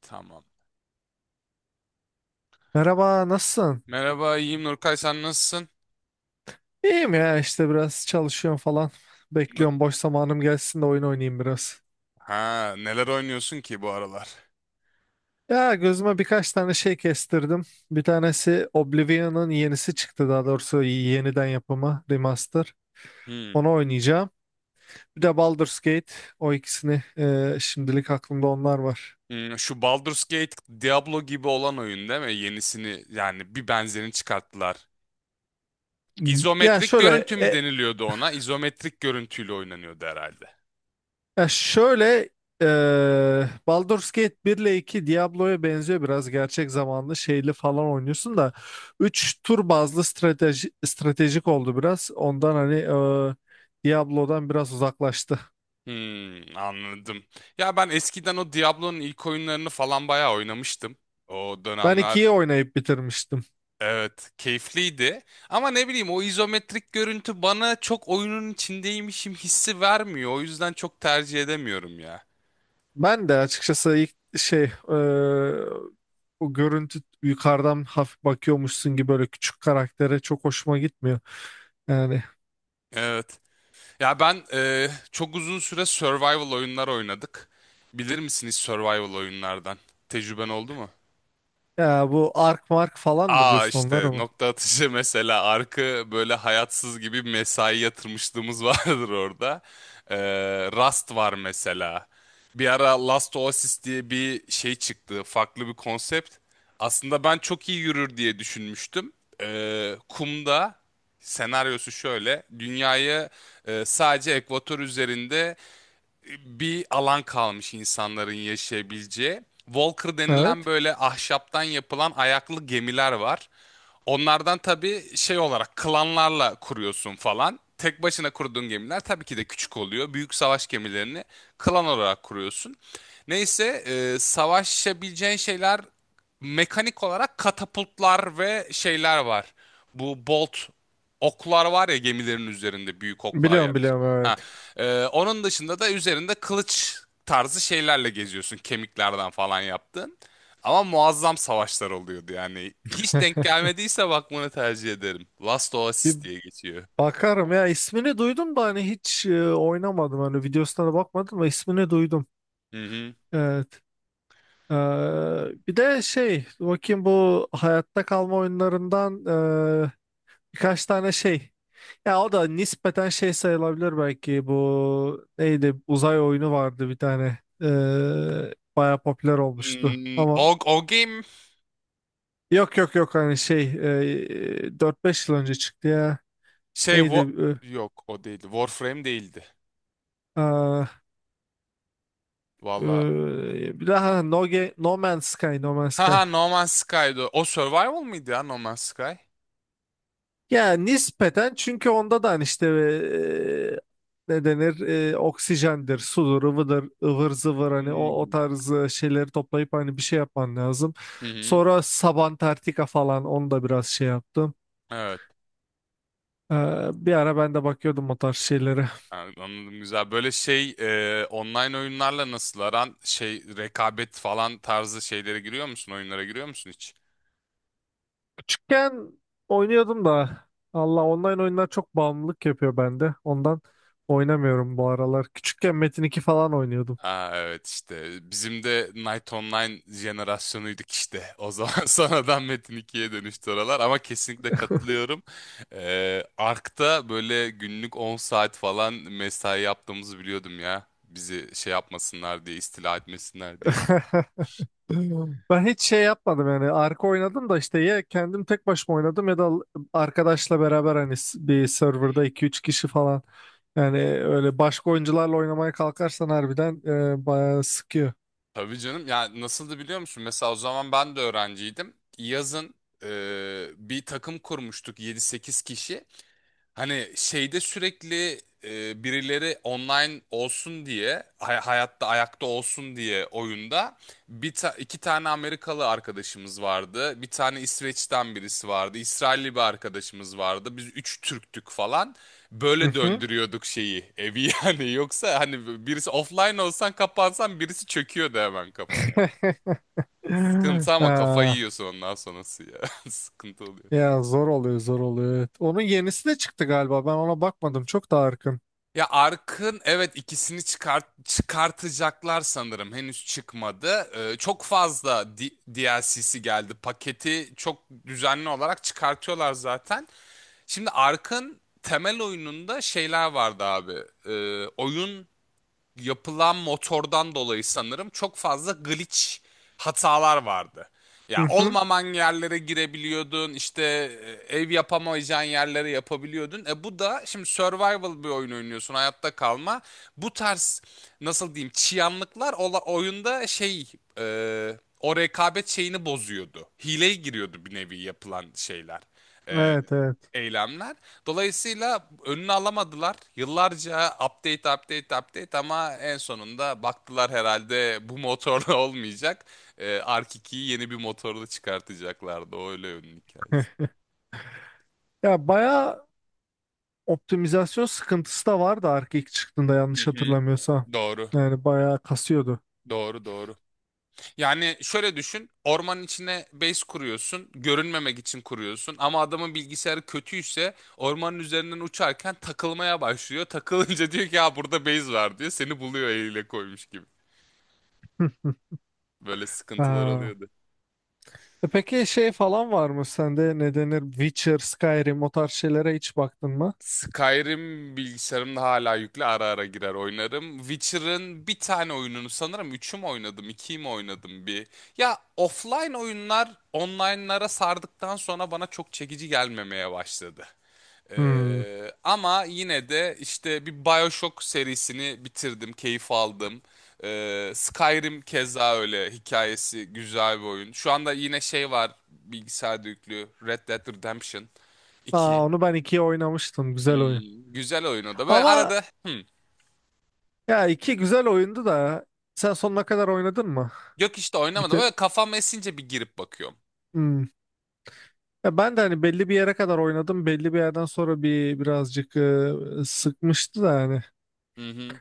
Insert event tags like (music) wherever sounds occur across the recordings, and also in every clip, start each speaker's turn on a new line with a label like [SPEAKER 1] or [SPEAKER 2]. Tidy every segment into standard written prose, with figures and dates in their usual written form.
[SPEAKER 1] Tamam.
[SPEAKER 2] Merhaba, nasılsın?
[SPEAKER 1] Merhaba, iyiyim Nurkay, sen nasılsın?
[SPEAKER 2] İyiyim ya işte biraz çalışıyorum falan.
[SPEAKER 1] N-
[SPEAKER 2] Bekliyorum boş zamanım gelsin de oyun oynayayım biraz.
[SPEAKER 1] Ha, neler oynuyorsun ki bu aralar?
[SPEAKER 2] Ya gözüme birkaç tane şey kestirdim. Bir tanesi Oblivion'ın yenisi çıktı, daha doğrusu yeniden yapımı, remaster.
[SPEAKER 1] Hmm.
[SPEAKER 2] Onu oynayacağım. Bir de Baldur's Gate. O ikisini şimdilik aklımda onlar var.
[SPEAKER 1] Şu Baldur's Gate Diablo gibi olan oyun değil mi? Yenisini yani bir benzerini çıkarttılar.
[SPEAKER 2] Ya
[SPEAKER 1] İzometrik
[SPEAKER 2] şöyle
[SPEAKER 1] görüntü mü
[SPEAKER 2] e,
[SPEAKER 1] deniliyordu ona? İzometrik görüntüyle oynanıyordu herhalde.
[SPEAKER 2] Ya şöyle, Baldur's Gate 1 ile 2 Diablo'ya benziyor, biraz gerçek zamanlı şeyli falan oynuyorsun da 3 tur bazlı strateji, stratejik oldu biraz ondan, hani Diablo'dan biraz uzaklaştı.
[SPEAKER 1] Anladım. Ya ben eskiden o Diablo'nun ilk oyunlarını falan bayağı oynamıştım. O
[SPEAKER 2] Ben 2'yi
[SPEAKER 1] dönemler.
[SPEAKER 2] oynayıp bitirmiştim.
[SPEAKER 1] Evet, keyifliydi. Ama ne bileyim o izometrik görüntü bana çok oyunun içindeymişim hissi vermiyor. O yüzden çok tercih edemiyorum ya.
[SPEAKER 2] Ben de açıkçası ilk şey o görüntü yukarıdan hafif bakıyormuşsun gibi, böyle küçük karaktere çok hoşuma gitmiyor. Yani,
[SPEAKER 1] Evet. Ya ben çok uzun süre survival oyunlar oynadık. Bilir misiniz survival oyunlardan? Tecrüben oldu mu?
[SPEAKER 2] ya bu Ark Mark falan mı
[SPEAKER 1] Aa,
[SPEAKER 2] diyorsun
[SPEAKER 1] işte
[SPEAKER 2] onlara mı?
[SPEAKER 1] nokta atışı (laughs) mesela arkı böyle hayatsız gibi mesai yatırmışlığımız (laughs) vardır orada. Ee, Rust var mesela. Bir ara Last Oasis diye bir şey çıktı. Farklı bir konsept. Aslında ben çok iyi yürür diye düşünmüştüm. Kumda senaryosu şöyle. Dünyayı sadece ekvator üzerinde bir alan kalmış insanların yaşayabileceği. Walker denilen
[SPEAKER 2] Evet.
[SPEAKER 1] böyle ahşaptan yapılan ayaklı gemiler var. Onlardan tabii şey olarak klanlarla kuruyorsun falan. Tek başına kurduğun gemiler tabii ki de küçük oluyor. Büyük savaş gemilerini klan olarak kuruyorsun. Neyse, savaşabileceğin şeyler mekanik olarak katapultlar ve şeyler var. Bu bolt oklar var ya, gemilerin üzerinde büyük oklar yani.
[SPEAKER 2] Biliyorum, biliyorum,
[SPEAKER 1] Ha,
[SPEAKER 2] evet.
[SPEAKER 1] onun dışında da üzerinde kılıç tarzı şeylerle geziyorsun, kemiklerden falan yaptın. Ama muazzam savaşlar oluyordu yani. Hiç denk gelmediyse bakmanı tercih ederim. Last
[SPEAKER 2] Bir
[SPEAKER 1] Oasis diye geçiyor.
[SPEAKER 2] bakarım, ya ismini duydum da hani hiç oynamadım, hani videosuna da bakmadım ama ismini duydum.
[SPEAKER 1] Hı hı.
[SPEAKER 2] Evet. Ee, Bir de şey bakayım bu hayatta kalma oyunlarından, e, birkaç tane şey. Ya, o da nispeten şey sayılabilir belki, bu neydi, uzay oyunu vardı bir tane. Bayağı popüler olmuştu
[SPEAKER 1] Hmm,
[SPEAKER 2] ama
[SPEAKER 1] o, o game
[SPEAKER 2] yok, yok, yok, hani şey, 4-5 yıl önce çıktı ya.
[SPEAKER 1] şey
[SPEAKER 2] Neydi?
[SPEAKER 1] wo- yok, o değildi. Warframe değildi.
[SPEAKER 2] Ee,
[SPEAKER 1] Valla.
[SPEAKER 2] Ee, Daha No Man's
[SPEAKER 1] Ha
[SPEAKER 2] Sky.
[SPEAKER 1] ha, No Man's Sky'dı. O Survival mıydı ya, No Man's Sky?
[SPEAKER 2] Ya, nispeten çünkü onda da hani işte, ne denir, oksijendir, sudur, ıvıdır, ıvır zıvır, hani o
[SPEAKER 1] Hmm.
[SPEAKER 2] tarz şeyleri toplayıp hani bir şey yapman lazım.
[SPEAKER 1] Hı hı.
[SPEAKER 2] Sonra Sabantarctica falan, onu da biraz şey yaptım.
[SPEAKER 1] Evet.
[SPEAKER 2] Ee, Bir ara ben de bakıyordum o tarz şeylere.
[SPEAKER 1] Yani anladım, güzel. Böyle şey online oyunlarla nasıl aran, şey, rekabet falan tarzı şeylere giriyor musun? Oyunlara giriyor musun hiç?
[SPEAKER 2] Küçükken oynuyordum da Allah, online oyunlar çok bağımlılık yapıyor bende. Ondan oynamıyorum bu aralar. Küçükken Metin 2 falan oynuyordum.
[SPEAKER 1] Aa, evet işte bizim de Night Online jenerasyonuydik işte o zaman (laughs) sonradan Metin 2'ye dönüştü oralar ama kesinlikle katılıyorum. Ark'ta böyle günlük 10 saat falan mesai yaptığımızı biliyordum ya, bizi şey yapmasınlar diye, istila etmesinler diye.
[SPEAKER 2] (laughs) Ben hiç şey yapmadım, yani arka oynadım da işte, ya kendim tek başıma oynadım ya da arkadaşla beraber, hani bir serverda iki üç kişi falan, yani öyle başka oyuncularla oynamaya kalkarsan harbiden bayağı sıkıyor.
[SPEAKER 1] Tabii canım, ya nasıldı biliyor musun, mesela o zaman ben de öğrenciydim. Yazın e, bir takım kurmuştuk, yedi sekiz kişi. Hani şeyde sürekli birileri online olsun diye, hayatta ayakta olsun diye oyunda iki tane Amerikalı arkadaşımız vardı. Bir tane İsveç'ten birisi vardı. İsrailli bir arkadaşımız vardı. Biz üç Türktük falan.
[SPEAKER 2] Hı
[SPEAKER 1] Böyle
[SPEAKER 2] hı.
[SPEAKER 1] döndürüyorduk şeyi, evi (laughs) yani. Yoksa hani birisi offline olsan, kapansan, birisi çöküyordu hemen kafana.
[SPEAKER 2] (laughs)
[SPEAKER 1] Sıkıntı, ama kafayı
[SPEAKER 2] Ah,
[SPEAKER 1] yiyorsun ondan sonrası ya. (laughs) Sıkıntı oluyor.
[SPEAKER 2] ya zor oluyor, zor oluyor, evet. Onun yenisi de çıktı galiba, ben ona bakmadım çok da arkın.
[SPEAKER 1] Ya Ark'ın, evet, ikisini çıkartacaklar sanırım. Henüz çıkmadı. Çok fazla DLC'si geldi. Paketi çok düzenli olarak çıkartıyorlar zaten. Şimdi Ark'ın temel oyununda şeyler vardı abi. Oyun yapılan motordan dolayı sanırım çok fazla glitch hatalar vardı.
[SPEAKER 2] Hı
[SPEAKER 1] Ya
[SPEAKER 2] hı.
[SPEAKER 1] olmaman yerlere girebiliyordun, işte ev yapamayacağın yerlere yapabiliyordun. E bu da, şimdi survival bir oyun oynuyorsun, hayatta kalma. Bu tarz nasıl diyeyim, çıyanlıklar oyunda, şey, o rekabet şeyini bozuyordu. Hileye giriyordu bir nevi yapılan şeyler. E,
[SPEAKER 2] Evet, evet.
[SPEAKER 1] eylemler. Dolayısıyla önünü alamadılar. Yıllarca update, update, update, ama en sonunda baktılar herhalde, bu motorla (laughs) olmayacak. Ark 2'yi yeni bir motorla çıkartacaklardı. O öyle ünlü hikayesi.
[SPEAKER 2] (laughs) Ya bayağı optimizasyon sıkıntısı da vardı Ark ilk çıktığında,
[SPEAKER 1] Hı
[SPEAKER 2] yanlış
[SPEAKER 1] hı.
[SPEAKER 2] hatırlamıyorsam.
[SPEAKER 1] Doğru.
[SPEAKER 2] Yani bayağı kasıyordu.
[SPEAKER 1] Doğru doğru. Yani şöyle düşün. Ormanın içine base kuruyorsun. Görünmemek için kuruyorsun. Ama adamın bilgisayarı kötüyse ormanın üzerinden uçarken takılmaya başlıyor. Takılınca diyor ki, ya burada base var diyor. Seni buluyor eliyle koymuş gibi.
[SPEAKER 2] (laughs) Hı hı.
[SPEAKER 1] Böyle sıkıntılar
[SPEAKER 2] Ha.
[SPEAKER 1] oluyordu.
[SPEAKER 2] Peki şey falan var mı sende, ne denir, Witcher, Skyrim, o tarz şeylere hiç baktın mı?
[SPEAKER 1] Skyrim bilgisayarımda hala yüklü, ara ara girer oynarım. Witcher'ın bir tane oyununu sanırım, 3'ü mü oynadım, 2'yi mi oynadım, bir. Ya offline oyunlar online'lara sardıktan sonra bana çok çekici gelmemeye başladı.
[SPEAKER 2] Hmm.
[SPEAKER 1] Ama yine de işte bir BioShock serisini bitirdim, keyif aldım. Skyrim keza öyle, hikayesi güzel bir oyun. Şu anda yine şey var bilgisayarda yüklü, Red Dead Redemption
[SPEAKER 2] Aa,
[SPEAKER 1] 2.
[SPEAKER 2] onu ben ikiye oynamıştım. Güzel oyun.
[SPEAKER 1] Güzel oyun o da. Böyle
[SPEAKER 2] Ama,
[SPEAKER 1] arada
[SPEAKER 2] ya iki güzel oyundu da sen sonuna kadar oynadın mı?
[SPEAKER 1] yok işte oynamadım.
[SPEAKER 2] Bitir.
[SPEAKER 1] Böyle kafam esince bir girip bakıyorum.
[SPEAKER 2] Ya ben de hani belli bir yere kadar oynadım. Belli bir yerden sonra bir birazcık sıkmıştı da hani
[SPEAKER 1] Hı hı.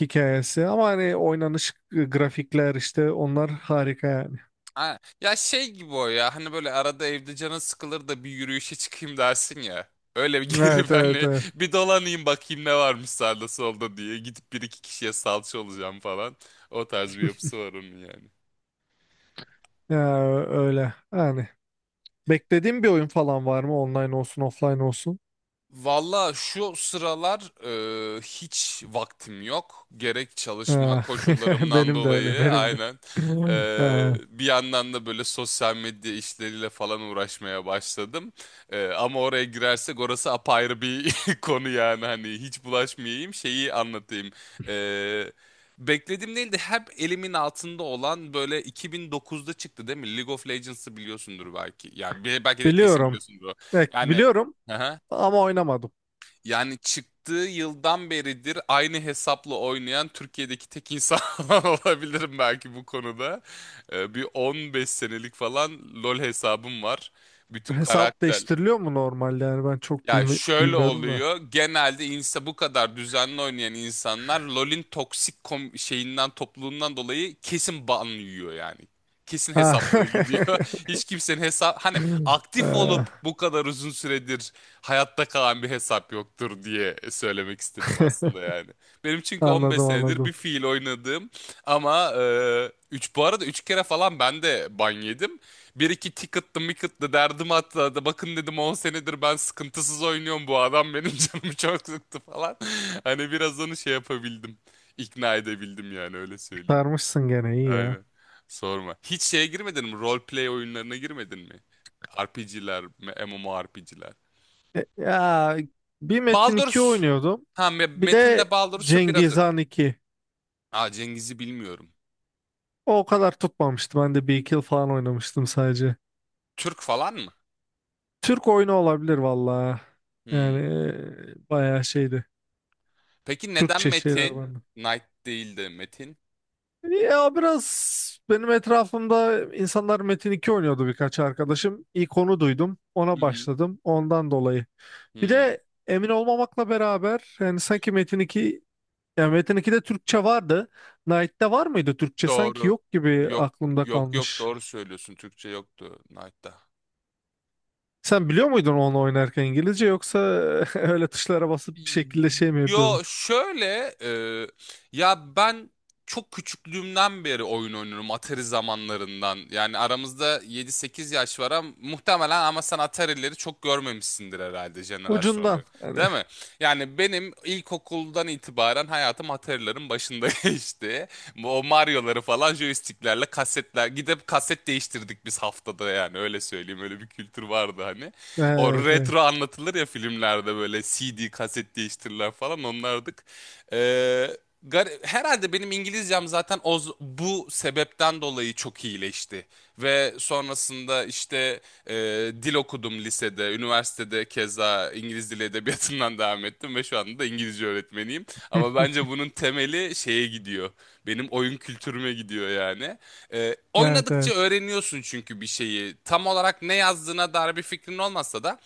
[SPEAKER 2] hikayesi. Ama hani oynanış, grafikler, işte onlar harika yani.
[SPEAKER 1] Ha, ya şey gibi o ya, hani böyle arada evde canın sıkılır da bir yürüyüşe çıkayım dersin ya. Öyle bir (laughs)
[SPEAKER 2] Evet,
[SPEAKER 1] girip
[SPEAKER 2] evet,
[SPEAKER 1] hani
[SPEAKER 2] evet.
[SPEAKER 1] bir dolanayım, bakayım ne varmış sağda solda diye. Gidip bir iki kişiye salça olacağım falan. O tarz bir yapısı var onun yani.
[SPEAKER 2] Ya öyle. Yani beklediğim bir oyun falan var mı? Online olsun, offline olsun.
[SPEAKER 1] Valla şu sıralar hiç vaktim yok. Gerek çalışma
[SPEAKER 2] Ha. (laughs)
[SPEAKER 1] koşullarımdan
[SPEAKER 2] Benim de öyle,
[SPEAKER 1] dolayı,
[SPEAKER 2] benim de.
[SPEAKER 1] aynen. E,
[SPEAKER 2] (laughs) Ha.
[SPEAKER 1] bir yandan da böyle sosyal medya işleriyle falan uğraşmaya başladım. Ama oraya girersek, orası apayrı bir (laughs) konu yani. Hani hiç bulaşmayayım, şeyi anlatayım. E, beklediğim değil de hep elimin altında olan, böyle 2009'da çıktı değil mi, League of Legends'ı biliyorsundur belki. Yani belki de kesin
[SPEAKER 2] Biliyorum.
[SPEAKER 1] biliyorsundur.
[SPEAKER 2] Evet,
[SPEAKER 1] Yani...
[SPEAKER 2] biliyorum
[SPEAKER 1] (laughs)
[SPEAKER 2] ama oynamadım.
[SPEAKER 1] Yani çıktığı yıldan beridir aynı hesapla oynayan Türkiye'deki tek insan (laughs) olabilirim belki bu konuda. Bir 15 senelik falan LoL hesabım var. Bütün
[SPEAKER 2] Hesap
[SPEAKER 1] karakter,
[SPEAKER 2] değiştiriliyor mu normalde? Yani ben çok
[SPEAKER 1] ya şöyle
[SPEAKER 2] bilmiyorum da.
[SPEAKER 1] oluyor. Genelde insa, bu kadar düzenli oynayan insanlar LoL'in toksik şeyinden, topluluğundan dolayı kesin ban yiyor yani. Kesin
[SPEAKER 2] Ha.
[SPEAKER 1] hesapları gidiyor. (laughs) Hiç kimsenin hesap, hani
[SPEAKER 2] (laughs)
[SPEAKER 1] aktif
[SPEAKER 2] Ee,
[SPEAKER 1] olup bu kadar uzun süredir hayatta kalan bir hesap yoktur diye söylemek istedim aslında
[SPEAKER 2] (laughs)
[SPEAKER 1] yani. Benim çünkü 15
[SPEAKER 2] Anladım,
[SPEAKER 1] senedir bir
[SPEAKER 2] anladım.
[SPEAKER 1] fiil oynadığım, ama üç, bu arada 3 kere falan ben de ban yedim. Bir iki ticket'lı micket'lı derdim hatta da, bakın dedim 10 senedir ben sıkıntısız oynuyorum, bu adam benim (laughs) canımı çok sıktı falan. (laughs) Hani biraz onu şey yapabildim. İkna edebildim yani, öyle söyleyeyim.
[SPEAKER 2] Sarmışsın gene, iyi ya.
[SPEAKER 1] Aynen. Sorma. Hiç şeye girmedin mi? Roleplay oyunlarına girmedin mi? RPG'ler, MMORPG'ler.
[SPEAKER 2] Ya bir Metin 2
[SPEAKER 1] Baldur's.
[SPEAKER 2] oynuyordum.
[SPEAKER 1] Ha,
[SPEAKER 2] Bir
[SPEAKER 1] Metin'le
[SPEAKER 2] de
[SPEAKER 1] Baldur'su biraz
[SPEAKER 2] Cengiz
[SPEAKER 1] öyle.
[SPEAKER 2] Han 2.
[SPEAKER 1] Aa, Cengiz'i bilmiyorum.
[SPEAKER 2] O kadar tutmamıştı, ben de bir iki yıl falan oynamıştım sadece.
[SPEAKER 1] Türk falan mı?
[SPEAKER 2] Türk oyunu olabilir valla. Yani
[SPEAKER 1] Hmm.
[SPEAKER 2] bayağı şeydi.
[SPEAKER 1] Peki neden
[SPEAKER 2] Türkçe şeyler
[SPEAKER 1] Metin?
[SPEAKER 2] vardı.
[SPEAKER 1] Knight değil de Metin?
[SPEAKER 2] Ya biraz benim etrafımda insanlar Metin 2 oynuyordu, birkaç arkadaşım. İlk onu duydum.
[SPEAKER 1] Hı
[SPEAKER 2] Ona
[SPEAKER 1] hı.
[SPEAKER 2] başladım. Ondan dolayı. Bir
[SPEAKER 1] Hmm.
[SPEAKER 2] de emin olmamakla beraber, yani sanki Metin 2. Yani Metin 2'de Türkçe vardı. Knight'te var mıydı Türkçe? Sanki
[SPEAKER 1] Doğru.
[SPEAKER 2] yok gibi
[SPEAKER 1] Yok,
[SPEAKER 2] aklımda
[SPEAKER 1] yok, yok,
[SPEAKER 2] kalmış.
[SPEAKER 1] doğru söylüyorsun. Türkçe yoktu Knight'ta.
[SPEAKER 2] Sen biliyor muydun onu oynarken İngilizce, yoksa (laughs) öyle tuşlara basıp bir şekilde şey mi
[SPEAKER 1] Yo
[SPEAKER 2] yapıyordun?
[SPEAKER 1] şöyle ya ben çok küçüklüğümden beri oyun oynuyorum, Atari zamanlarından. Yani aramızda yedi sekiz yaş var ama muhtemelen, ama sen Atari'leri çok görmemişsindir herhalde jenerasyonda.
[SPEAKER 2] Ucundan hani.
[SPEAKER 1] Değil mi? Yani benim ilkokuldan itibaren hayatım Atari'lerin başında (laughs) geçti. O Mario'ları falan joysticklerle, kasetler, gidip kaset değiştirdik biz haftada, yani öyle söyleyeyim, öyle bir kültür vardı hani. O
[SPEAKER 2] Evet, evet.
[SPEAKER 1] retro anlatılır ya filmlerde, böyle CD, kaset değiştirirler falan, onlardık. Ee, Herhalde benim İngilizcem zaten o, bu sebepten dolayı çok iyileşti. Ve sonrasında işte dil okudum lisede, üniversitede keza İngiliz dili edebiyatından devam ettim ve şu anda da İngilizce öğretmeniyim. Ama
[SPEAKER 2] (laughs)
[SPEAKER 1] bence bunun temeli şeye gidiyor. Benim oyun kültürüme gidiyor yani.
[SPEAKER 2] Evet,
[SPEAKER 1] Oynadıkça
[SPEAKER 2] evet.
[SPEAKER 1] öğreniyorsun çünkü bir şeyi. Tam olarak ne yazdığına dair bir fikrin olmasa da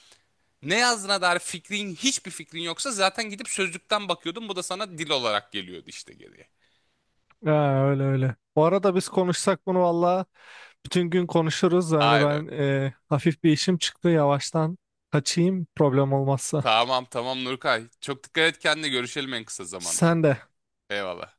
[SPEAKER 1] ne yazdığına dair hiçbir fikrin yoksa zaten gidip sözlükten bakıyordun. Bu da sana dil olarak geliyordu işte, geriye.
[SPEAKER 2] Ha, öyle öyle. Bu arada biz konuşsak bunu valla bütün gün konuşuruz. Yani
[SPEAKER 1] Aynen.
[SPEAKER 2] ben hafif bir işim çıktı, yavaştan kaçayım problem olmazsa.
[SPEAKER 1] Tamam, tamam Nurkay. Çok dikkat et kendine, görüşelim en kısa zamanda.
[SPEAKER 2] Sen de.
[SPEAKER 1] Eyvallah.